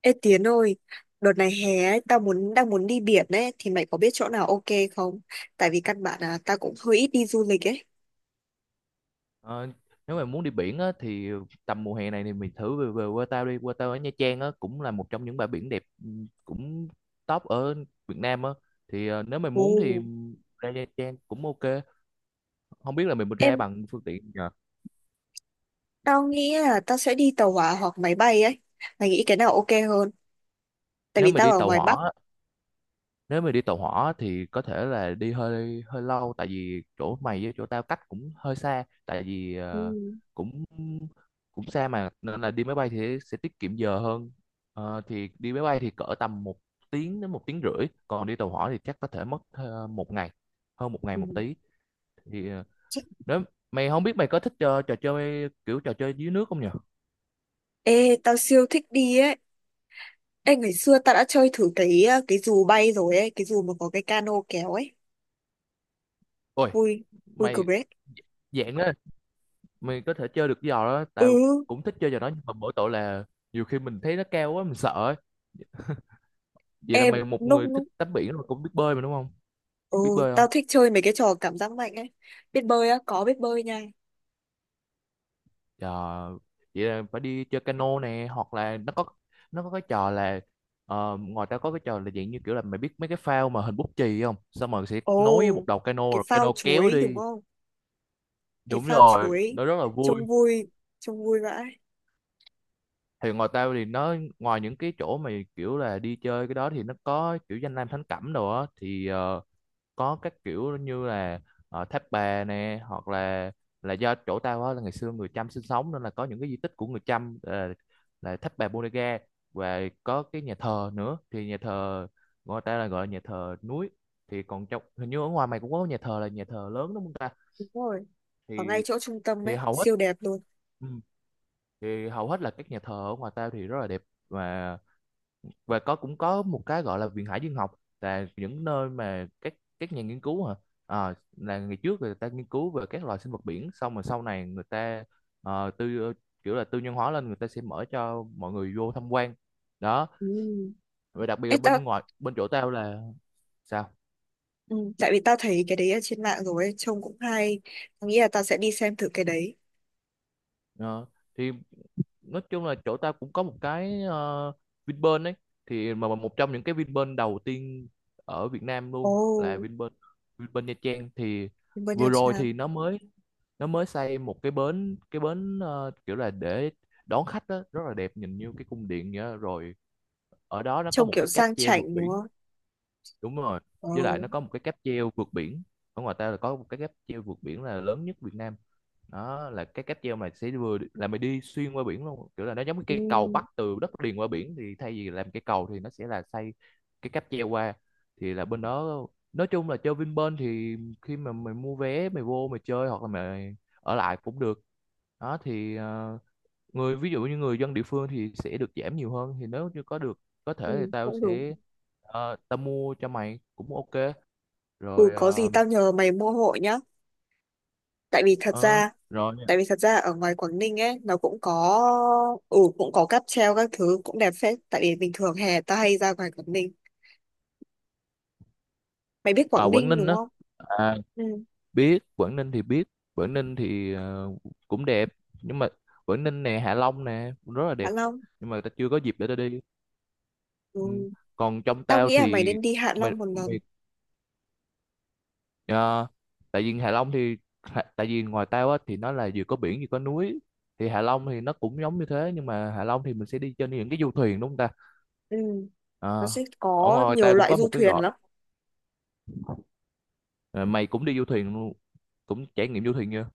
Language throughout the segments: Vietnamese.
Ê Tiến ơi, đợt này hè ấy, tao đang muốn đi biển ấy thì mày có biết chỗ nào ok không? Tại vì căn bản là tao cũng hơi ít đi du lịch ấy. Ờ, Nếu mà muốn đi biển á, thì tầm mùa hè này thì mình thử về Vũng Tàu đi. Vũng Tàu ở Nha Trang á, cũng là một trong những bãi biển đẹp cũng top ở Việt Nam á. Thì nếu mà muốn thì Ồ. ra Nha Trang cũng ok. Không biết là mình ra Em bằng phương tiện gì nhờ. Tao nghĩ là tao sẽ đi tàu hỏa hoặc máy bay ấy. Mày nghĩ cái nào ok hơn? Tại Nếu vì mà tao đi ở tàu ngoài Bắc. hỏa nếu mà đi tàu hỏa thì có thể là đi hơi hơi lâu tại vì chỗ mày với chỗ tao cách cũng hơi xa tại vì Ừ. Cũng cũng xa mà, nên là đi máy bay thì sẽ tiết kiệm giờ hơn. Thì đi máy bay thì cỡ tầm một tiếng đến một tiếng rưỡi, còn đi tàu hỏa thì chắc có thể mất một ngày, hơn một ngày Ừ. một tí. Thì Chắc- nếu mày không biết mày có thích trò chơi, kiểu trò chơi dưới nước không nhỉ? Ê, tao siêu thích đi ấy. Ê, ngày xưa tao đã chơi thử cái cái dù bay rồi ấy, cái dù mà có cái cano kéo ấy. Ôi, Vui, vui cực mày ấy. dạng đó mày có thể chơi được cái giò đó. Tao Ừ, cũng thích chơi trò đó nhưng mà mỗi tội là nhiều khi mình thấy nó cao quá mình sợ ấy. Vậy là em mày một người thích lúc tắm biển rồi, cũng biết bơi mà đúng không? Biết Ồ, bơi tao không? thích chơi mấy cái trò cảm giác mạnh ấy. Biết bơi á, có biết bơi nha. Trời, vậy là phải đi chơi cano nè, hoặc là nó có cái trò là ngoài ra có cái trò là dạng như kiểu là mày biết mấy cái phao mà hình bút chì không, xong rồi sẽ Ồ, nối với một đầu cano cái rồi phao cano kéo chuối đúng đi. không? Cái Đúng phao rồi, chuối nó rất là vui. trông vui, trông vui vãi. Thì ngoài tao thì nó, ngoài những cái chỗ mà kiểu là đi chơi cái đó thì nó có kiểu danh lam thắng cảnh đồ á, thì có các kiểu như là Tháp Bà nè, hoặc là do chỗ tao á là ngày xưa người Chăm sinh sống nên là có những cái di tích của người Chăm là Tháp Bà Bodega, và có cái nhà thờ nữa. Thì nhà thờ người ta là gọi là nhà thờ núi. Thì còn trong, hình như ở ngoài mày cũng có nhà thờ là nhà thờ lớn đúng không ta? Đúng rồi. Ở ngay thì chỗ trung tâm thì ấy, hầu hết, siêu đẹp luôn. ừ, thì hầu hết là các nhà thờ ở ngoài tao thì rất là đẹp. Và và cũng có một cái gọi là viện hải dương học, là những nơi mà các nhà nghiên cứu hả. Là ngày trước người ta nghiên cứu về các loài sinh vật biển, xong rồi sau này người ta ờ, tư ờ, kiểu là tư nhân hóa lên, người ta sẽ mở cho mọi người vô tham quan đó. Ừ. Và đặc biệt Ê, là tao, bên ngoài, bên chỗ tao là, sao? ừ, tại vì tao thấy cái đấy ở trên mạng rồi ấy, trông cũng hay. Tao nghĩ là tao sẽ đi xem thử cái đấy. Ờ, thì nói chung là chỗ ta cũng có một cái Vinpearl ấy, thì mà một trong những cái Vinpearl đầu tiên ở Việt Nam Ồ, luôn là Vinpearl Vinpearl Nha Trang. Thì bên Nha vừa rồi Trang. thì nó mới xây một cái bến, kiểu là để đón khách đó, rất là đẹp, nhìn như cái cung điện vậy đó. Rồi ở đó nó có Trông một kiểu cái cáp sang treo vượt chảnh đúng biển. không? Đúng rồi, với lại Ồ, nó có một cái cáp treo vượt biển, ở ngoài ta là có một cái cáp treo vượt biển là lớn nhất Việt Nam. Đó là cái cáp treo mà sẽ vừa là mày đi xuyên qua biển luôn, kiểu là nó giống như ừ, cây cầu bắc từ đất liền qua biển, thì thay vì làm cây cầu thì nó sẽ là xây cái cáp treo qua. Thì là bên đó, nói chung là chơi Vinpearl thì khi mà mày mua vé mày vô mày chơi, hoặc là mày ở lại cũng được đó. Thì ví dụ như người dân địa phương thì sẽ được giảm nhiều hơn, thì nếu như có thể thì ừ, tao cũng đúng. sẽ, tao mua cho mày cũng ok. Ừ, rồi có gì ờ, tao nhờ mày mua hộ nhá. Tại vì thật ờ, ra rồi tại vì thật ra ở ngoài Quảng Ninh ấy nó cũng có, ừ, cũng có cáp treo các thứ cũng đẹp phết. Tại vì bình thường hè tao hay ra ngoài Quảng Ninh. Mày biết à, Quảng Quảng Ninh Ninh đúng đó, không? à, Ừ, biết Quảng Ninh thì cũng đẹp. Nhưng mà Quảng Ninh nè, Hạ Long nè, cũng rất là Hạ đẹp, Long. nhưng mà tao chưa có dịp để tao đi. Ừ. Ừ, Còn trong tao tao nghĩ là mày thì, nên đi Hạ mày Long một lần. mày Ờ, tại vì Hạ Long thì, tại vì ngoài tao á thì nó là vừa có biển vừa có núi, thì Hạ Long thì nó cũng giống như thế, nhưng mà Hạ Long thì mình sẽ đi trên những cái du thuyền đúng không ta. Ừ, nó Ờ, sẽ Ở có ngoài nhiều ta cũng loại có du một cái thuyền gọi lắm. ờ, mày cũng đi du thuyền luôn, cũng trải nghiệm du thuyền chưa.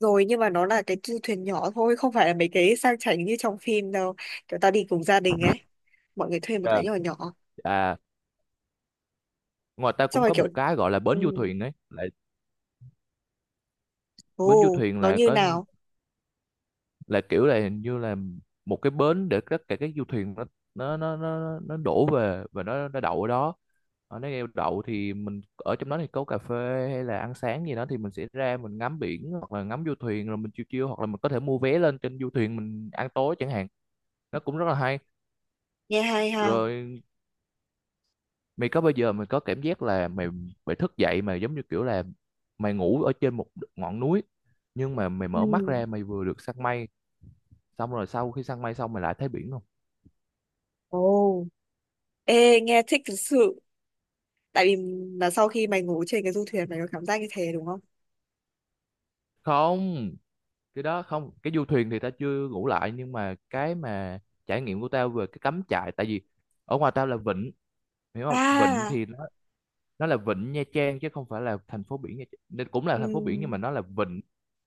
Rồi, nhưng mà nó là cái du thuyền nhỏ thôi, không phải là mấy cái sang chảnh như trong phim đâu, kiểu tao đi cùng gia đình ấy, mọi người thuê một Dạ, cái nhỏ nhỏ. à, ngoài ta Xong cũng rồi có kiểu, một cái gọi là ừ, bến du thuyền ấy, là bến du ồ thuyền nó là như có, nào. là kiểu là hình như là một cái bến để tất cả các du thuyền nó nó đổ về và nó đậu ở đó. Ở nếu eo đậu thì mình ở trong đó thì có cà phê hay là ăn sáng gì đó, thì mình sẽ ra mình ngắm biển hoặc là ngắm du thuyền, rồi mình chiêu chiêu, hoặc là mình có thể mua vé lên trên du thuyền mình ăn tối chẳng hạn. Nó cũng rất là hay. Nghe hay ha. Rồi mày có bao giờ mày có cảm giác là mày mày thức dậy mà giống như kiểu là mày ngủ ở trên một ngọn núi, nhưng mà mày mở mắt Ừ. ra mày vừa được săn mây, xong rồi sau khi săn mây xong mày lại thấy biển không? Ồ. Ê, nghe thích thực sự. Tại vì là sau khi mày ngủ trên cái du thuyền mày có cảm giác như thế đúng không? Không, cái đó không, cái du thuyền thì tao chưa ngủ lại, nhưng mà cái mà trải nghiệm của tao về cái cắm trại, tại vì ở ngoài tao là vịnh, hiểu không, vịnh À, thì nó là vịnh Nha Trang chứ không phải là thành phố biển Nha Trang. Nên cũng là thành phố biển, nhưng ừ. mà nó là vịnh.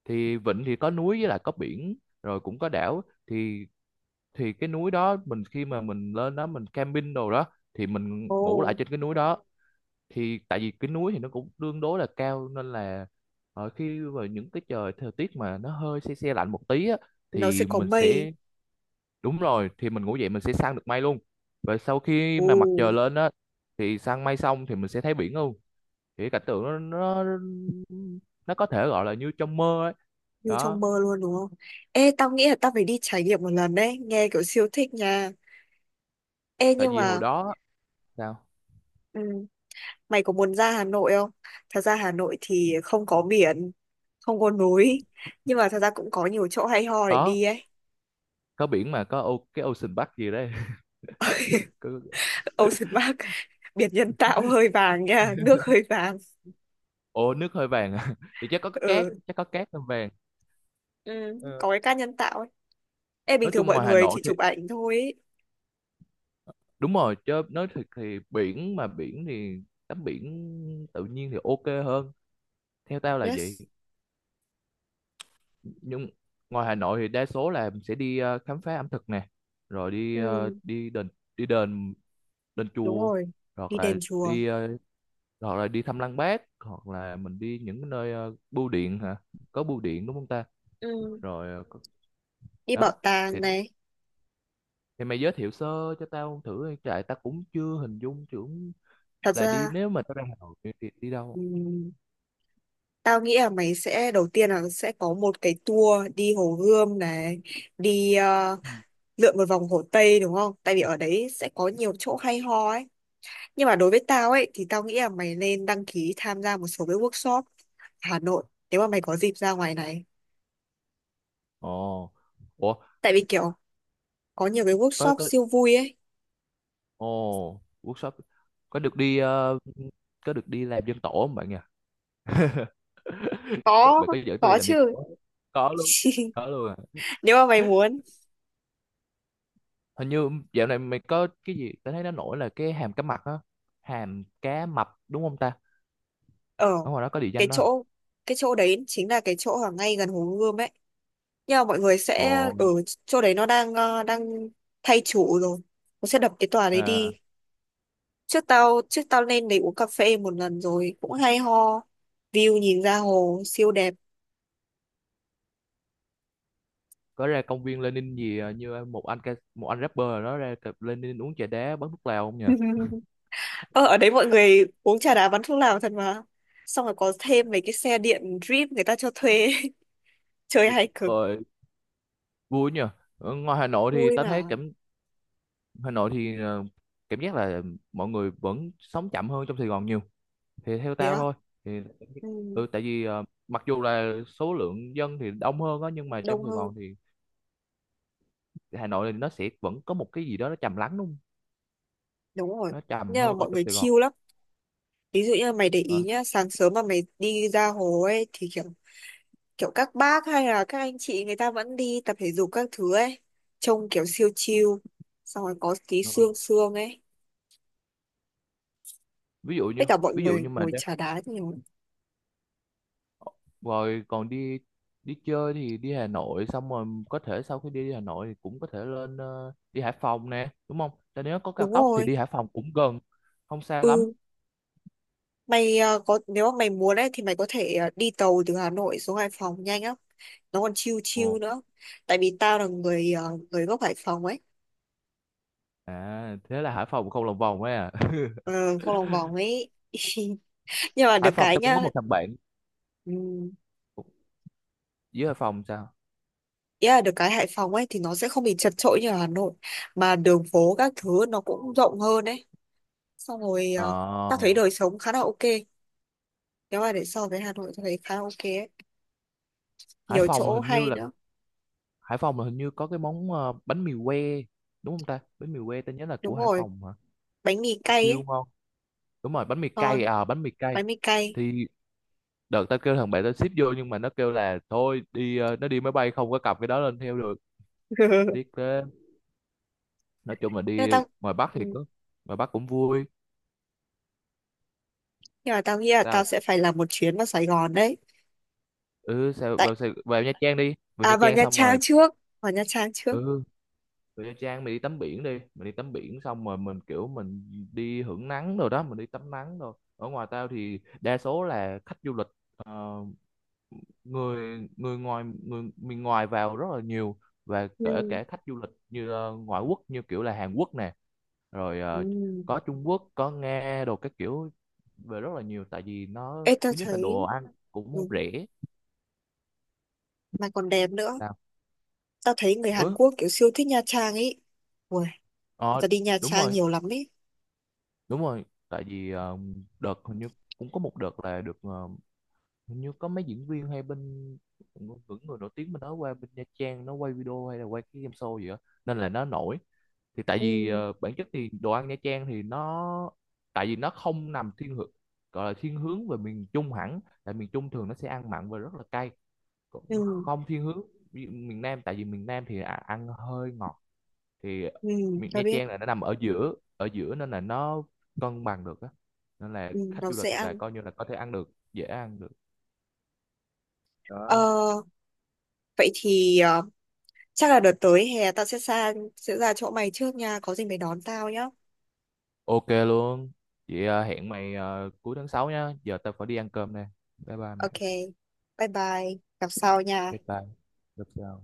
Thì vịnh thì có núi với lại có biển, rồi cũng có đảo. Thì thì cái núi đó mình, khi mà mình lên đó mình camping đồ đó thì mình Ồ, ngủ lại trên cái núi đó. Thì tại vì cái núi thì nó cũng tương đối là cao, nên là ở khi vào những cái thời tiết mà nó hơi se se lạnh một tí á, nó sẽ thì có mình mây. sẽ, đúng rồi, thì mình ngủ dậy mình sẽ săn được mây luôn, và sau khi Ồ, mà mặt trời lên á thì săn mây xong thì mình sẽ thấy biển luôn. Thì cái cảnh tượng nó, nó có thể gọi là như trong mơ ấy, như trong đó. mơ luôn đúng không. Ê, tao nghĩ là tao phải đi trải nghiệm một lần đấy, nghe kiểu siêu thích nha. Ê, Tại nhưng vì hồi mà đó, sao? ừ, mày có muốn ra Hà Nội không? Thật ra Hà Nội thì không có biển, không có núi, nhưng mà thật ra cũng có nhiều chỗ hay ho để có đi ấy. có biển mà, có ô, cái Ocean Park gì đấy có, Ocean Park. Biển nhân tạo hơi vàng nha, nước hơi vàng. ô, nước hơi vàng à thì chắc có cái cát, Ừ, chắc có cát hơi vàng. ừ Ờ, có cái cát nhân tạo. Ê, bình nói thường chung mọi ngoài Hà người Nội, chỉ chụp ảnh thôi ý. đúng rồi, chứ nói thiệt thì biển mà, biển thì tắm biển tự nhiên thì ok hơn, theo tao là vậy. Yes, Nhưng ngoài Hà Nội thì đa số là mình sẽ đi khám phá ẩm thực nè, rồi đi ờ, ừ, đi đền đền đúng chùa, rồi. hoặc Đi là đền chùa, đi ờ, hoặc là đi thăm Lăng Bác, hoặc là mình đi những nơi bưu điện hả, có bưu điện đúng không ta, ừ. rồi Đi bảo đó. thì tàng này. thì mày giới thiệu sơ cho tao thử, tại tao cũng chưa hình dung tưởng Thật là đi, ra, nếu mà tao ra Hà Nội thì đi đâu. ừ, tao nghĩ là mày sẽ đầu tiên là sẽ có một cái tour đi Hồ Gươm này, đi lượn một vòng Hồ Tây đúng không? Tại vì ở đấy sẽ có nhiều chỗ hay ho ấy. Nhưng mà đối với tao ấy thì tao nghĩ là mày nên đăng ký tham gia một số cái workshop Hà Nội nếu mà mày có dịp ra ngoài này. Ồ, ủa, Tại vì kiểu có nhiều cái có workshop có siêu vui ấy. Workshop, có được đi ờ, có được đi làm dân tổ không bạn nhỉ? Có, Bạn có dẫn tôi đi có làm dân tổ chứ. không? Có luôn. Có luôn à. Nếu mà mày muốn Hình như dạo này mày có cái gì tao thấy nó nổi là cái hàm cá mập á, hàm cá mập đúng không ta? ở Ở ngoài đó có địa cái danh đó. chỗ cái chỗ đấy, chính là cái chỗ ở ngay gần Hồ Gươm ấy, nhưng mà mọi người sẽ Ồ, ở chỗ đấy. Nó đang đang thay chủ rồi, nó sẽ đập cái tòa đấy à, đi. Trước tao lên đấy uống cà phê một lần rồi cũng hay ho, view nhìn ra hồ siêu đẹp. có ra công viên Lenin gì à, như một anh rapper ở đó ra cặp Lenin uống trà đá bắn thuốc lào không nhỉ? Ờ, ở đấy mọi người uống trà đá bắn thuốc lào thật mà, xong rồi có thêm mấy cái xe điện drip người ta cho thuê. Chơi hay cực. Ờ, vui nhỉ. Ở ngoài Hà Nội thì Vui tao thấy mà. Hà Nội thì cảm giác là mọi người vẫn sống chậm hơn trong Sài Gòn nhiều, thì theo Thế tao á. thôi. Thì Ừ, tại vì mặc dù là số lượng dân thì đông hơn á nhưng mà trong đông Sài hơn. Gòn thì, Hà Nội thì nó sẽ vẫn có một cái gì đó nó trầm lắng đúng không, Đúng rồi. nó trầm Nhưng mà hơn ở mọi trong người Sài chill Gòn. lắm. Ví dụ như mày để ý Ờ, nhá, sáng sớm mà mày đi ra hồ ấy thì kiểu, kiểu các bác hay là các anh chị người ta vẫn đi tập thể dục các thứ ấy, trông kiểu siêu chill. Xong rồi có tí ờ. sương sương ấy. ví dụ Tất như cả mọi ví dụ người như ngồi trà đá nhiều. rồi còn đi đi chơi, thì đi Hà Nội xong rồi có thể sau khi đi Hà Nội thì cũng có thể lên đi Hải Phòng nè đúng không. Tại nếu có cao Đúng tốc thì rồi. đi Hải Phòng cũng gần, không xa lắm. Ừ, mày có nếu mà mày muốn ấy thì mày có thể đi tàu từ Hà Nội xuống Hải Phòng nhanh lắm. Nó còn chill chill nữa. Tại vì tao là người người gốc Hải Phòng ấy. À, thế là Hải Phòng không lòng vòng ấy à? Ờ, không lòng vòng ấy. Nhưng mà Hải được Phòng cái tao cũng có nhá. một thằng bạn Ừ, dưới Hải Phòng, sao? ý là được cái Hải Phòng ấy thì nó sẽ không bị chật chội như ở Hà Nội, mà đường phố các thứ nó cũng rộng hơn ấy, xong rồi Ờ, ta thấy đời sống khá là ok, nếu mà để so với Hà Nội tôi thấy khá là ok ấy. Hải Nhiều Phòng là chỗ hình như hay là nữa. Hải Phòng là hình như có cái món bánh mì que đúng không ta? Bánh mì que tao nhớ là Đúng của Hải rồi, Phòng hả? bánh mì cay Siêu ấy. ngon. Đúng rồi, bánh mì Ngon, cay, à, bánh mì cay. bánh mì cay. Thì đợt tao kêu thằng bạn tao ship vô, nhưng mà nó kêu là thôi đi nó đi máy bay không có cặp cái đó lên theo được. Nhưng Tiếc thế. Nói chung là mà đi tao, ngoài Bắc ừ, thì có, ngoài Bắc cũng vui. nhưng mà tao nghĩ là tao Sao? sẽ phải làm một chuyến vào Sài Gòn đấy. Ừ, sao Tại vào, vào Nha Trang đi. Vào Nha à vào Trang Nha xong Trang rồi, trước, vào Nha Trang trước. ừ về Nha Trang mình đi tắm biển đi, mình đi tắm biển xong rồi mình đi hưởng nắng rồi đó, mình đi tắm nắng rồi. Ở ngoài tao thì đa số là khách du lịch, ờ, người người ngoài người miền ngoài vào rất là nhiều, và kể Ừ. cả khách du lịch như ngoại quốc như kiểu là Hàn Quốc nè, rồi Ừ. Có Trung Quốc có Nga đồ các kiểu về rất là nhiều, tại vì nó Ê tao thứ nhất là đồ thấy ăn ừ, cũng rẻ. mà còn đẹp nữa. Sao? Tao thấy người Hàn Ừ, Quốc kiểu siêu thích Nha Trang ấy. Ui, người ờ, ta đi Nha đúng Trang rồi, nhiều lắm ấy. đúng rồi, tại vì đợt hình như cũng có một đợt là được hình như có mấy diễn viên hay bên, những người nổi tiếng bên đó qua bên Nha Trang nó quay video hay là quay cái game show gì đó, nên là nó nổi. Thì tại vì Ừ. Bản chất thì đồ ăn Nha Trang thì nó, tại vì nó không nằm thiên hướng, gọi là thiên hướng về miền Trung hẳn, tại miền Trung thường nó sẽ ăn mặn và rất là cay. Còn Ừ. không thiên hướng ví dụ miền Nam, tại vì miền Nam thì ăn hơi ngọt. Thì Ừ, tao Nha biết. Trang là nó nằm ở giữa, ở giữa nên là nó cân bằng được á, nên là Ừ, khách nó du lịch dễ ăn. là coi như là có thể ăn được, dễ ăn được ờ, đó. vậy thì ờ, chắc là đợt tới hè tao sẽ sang sẽ ra chỗ mày trước nha, có gì mày đón tao nhá. Ok luôn. Chị hẹn mày cuối tháng 6 nhá, giờ tao phải đi ăn cơm nè. Bye bye mày. Ok. Bye bye, gặp sau nha. Bye bye. Gặp sau.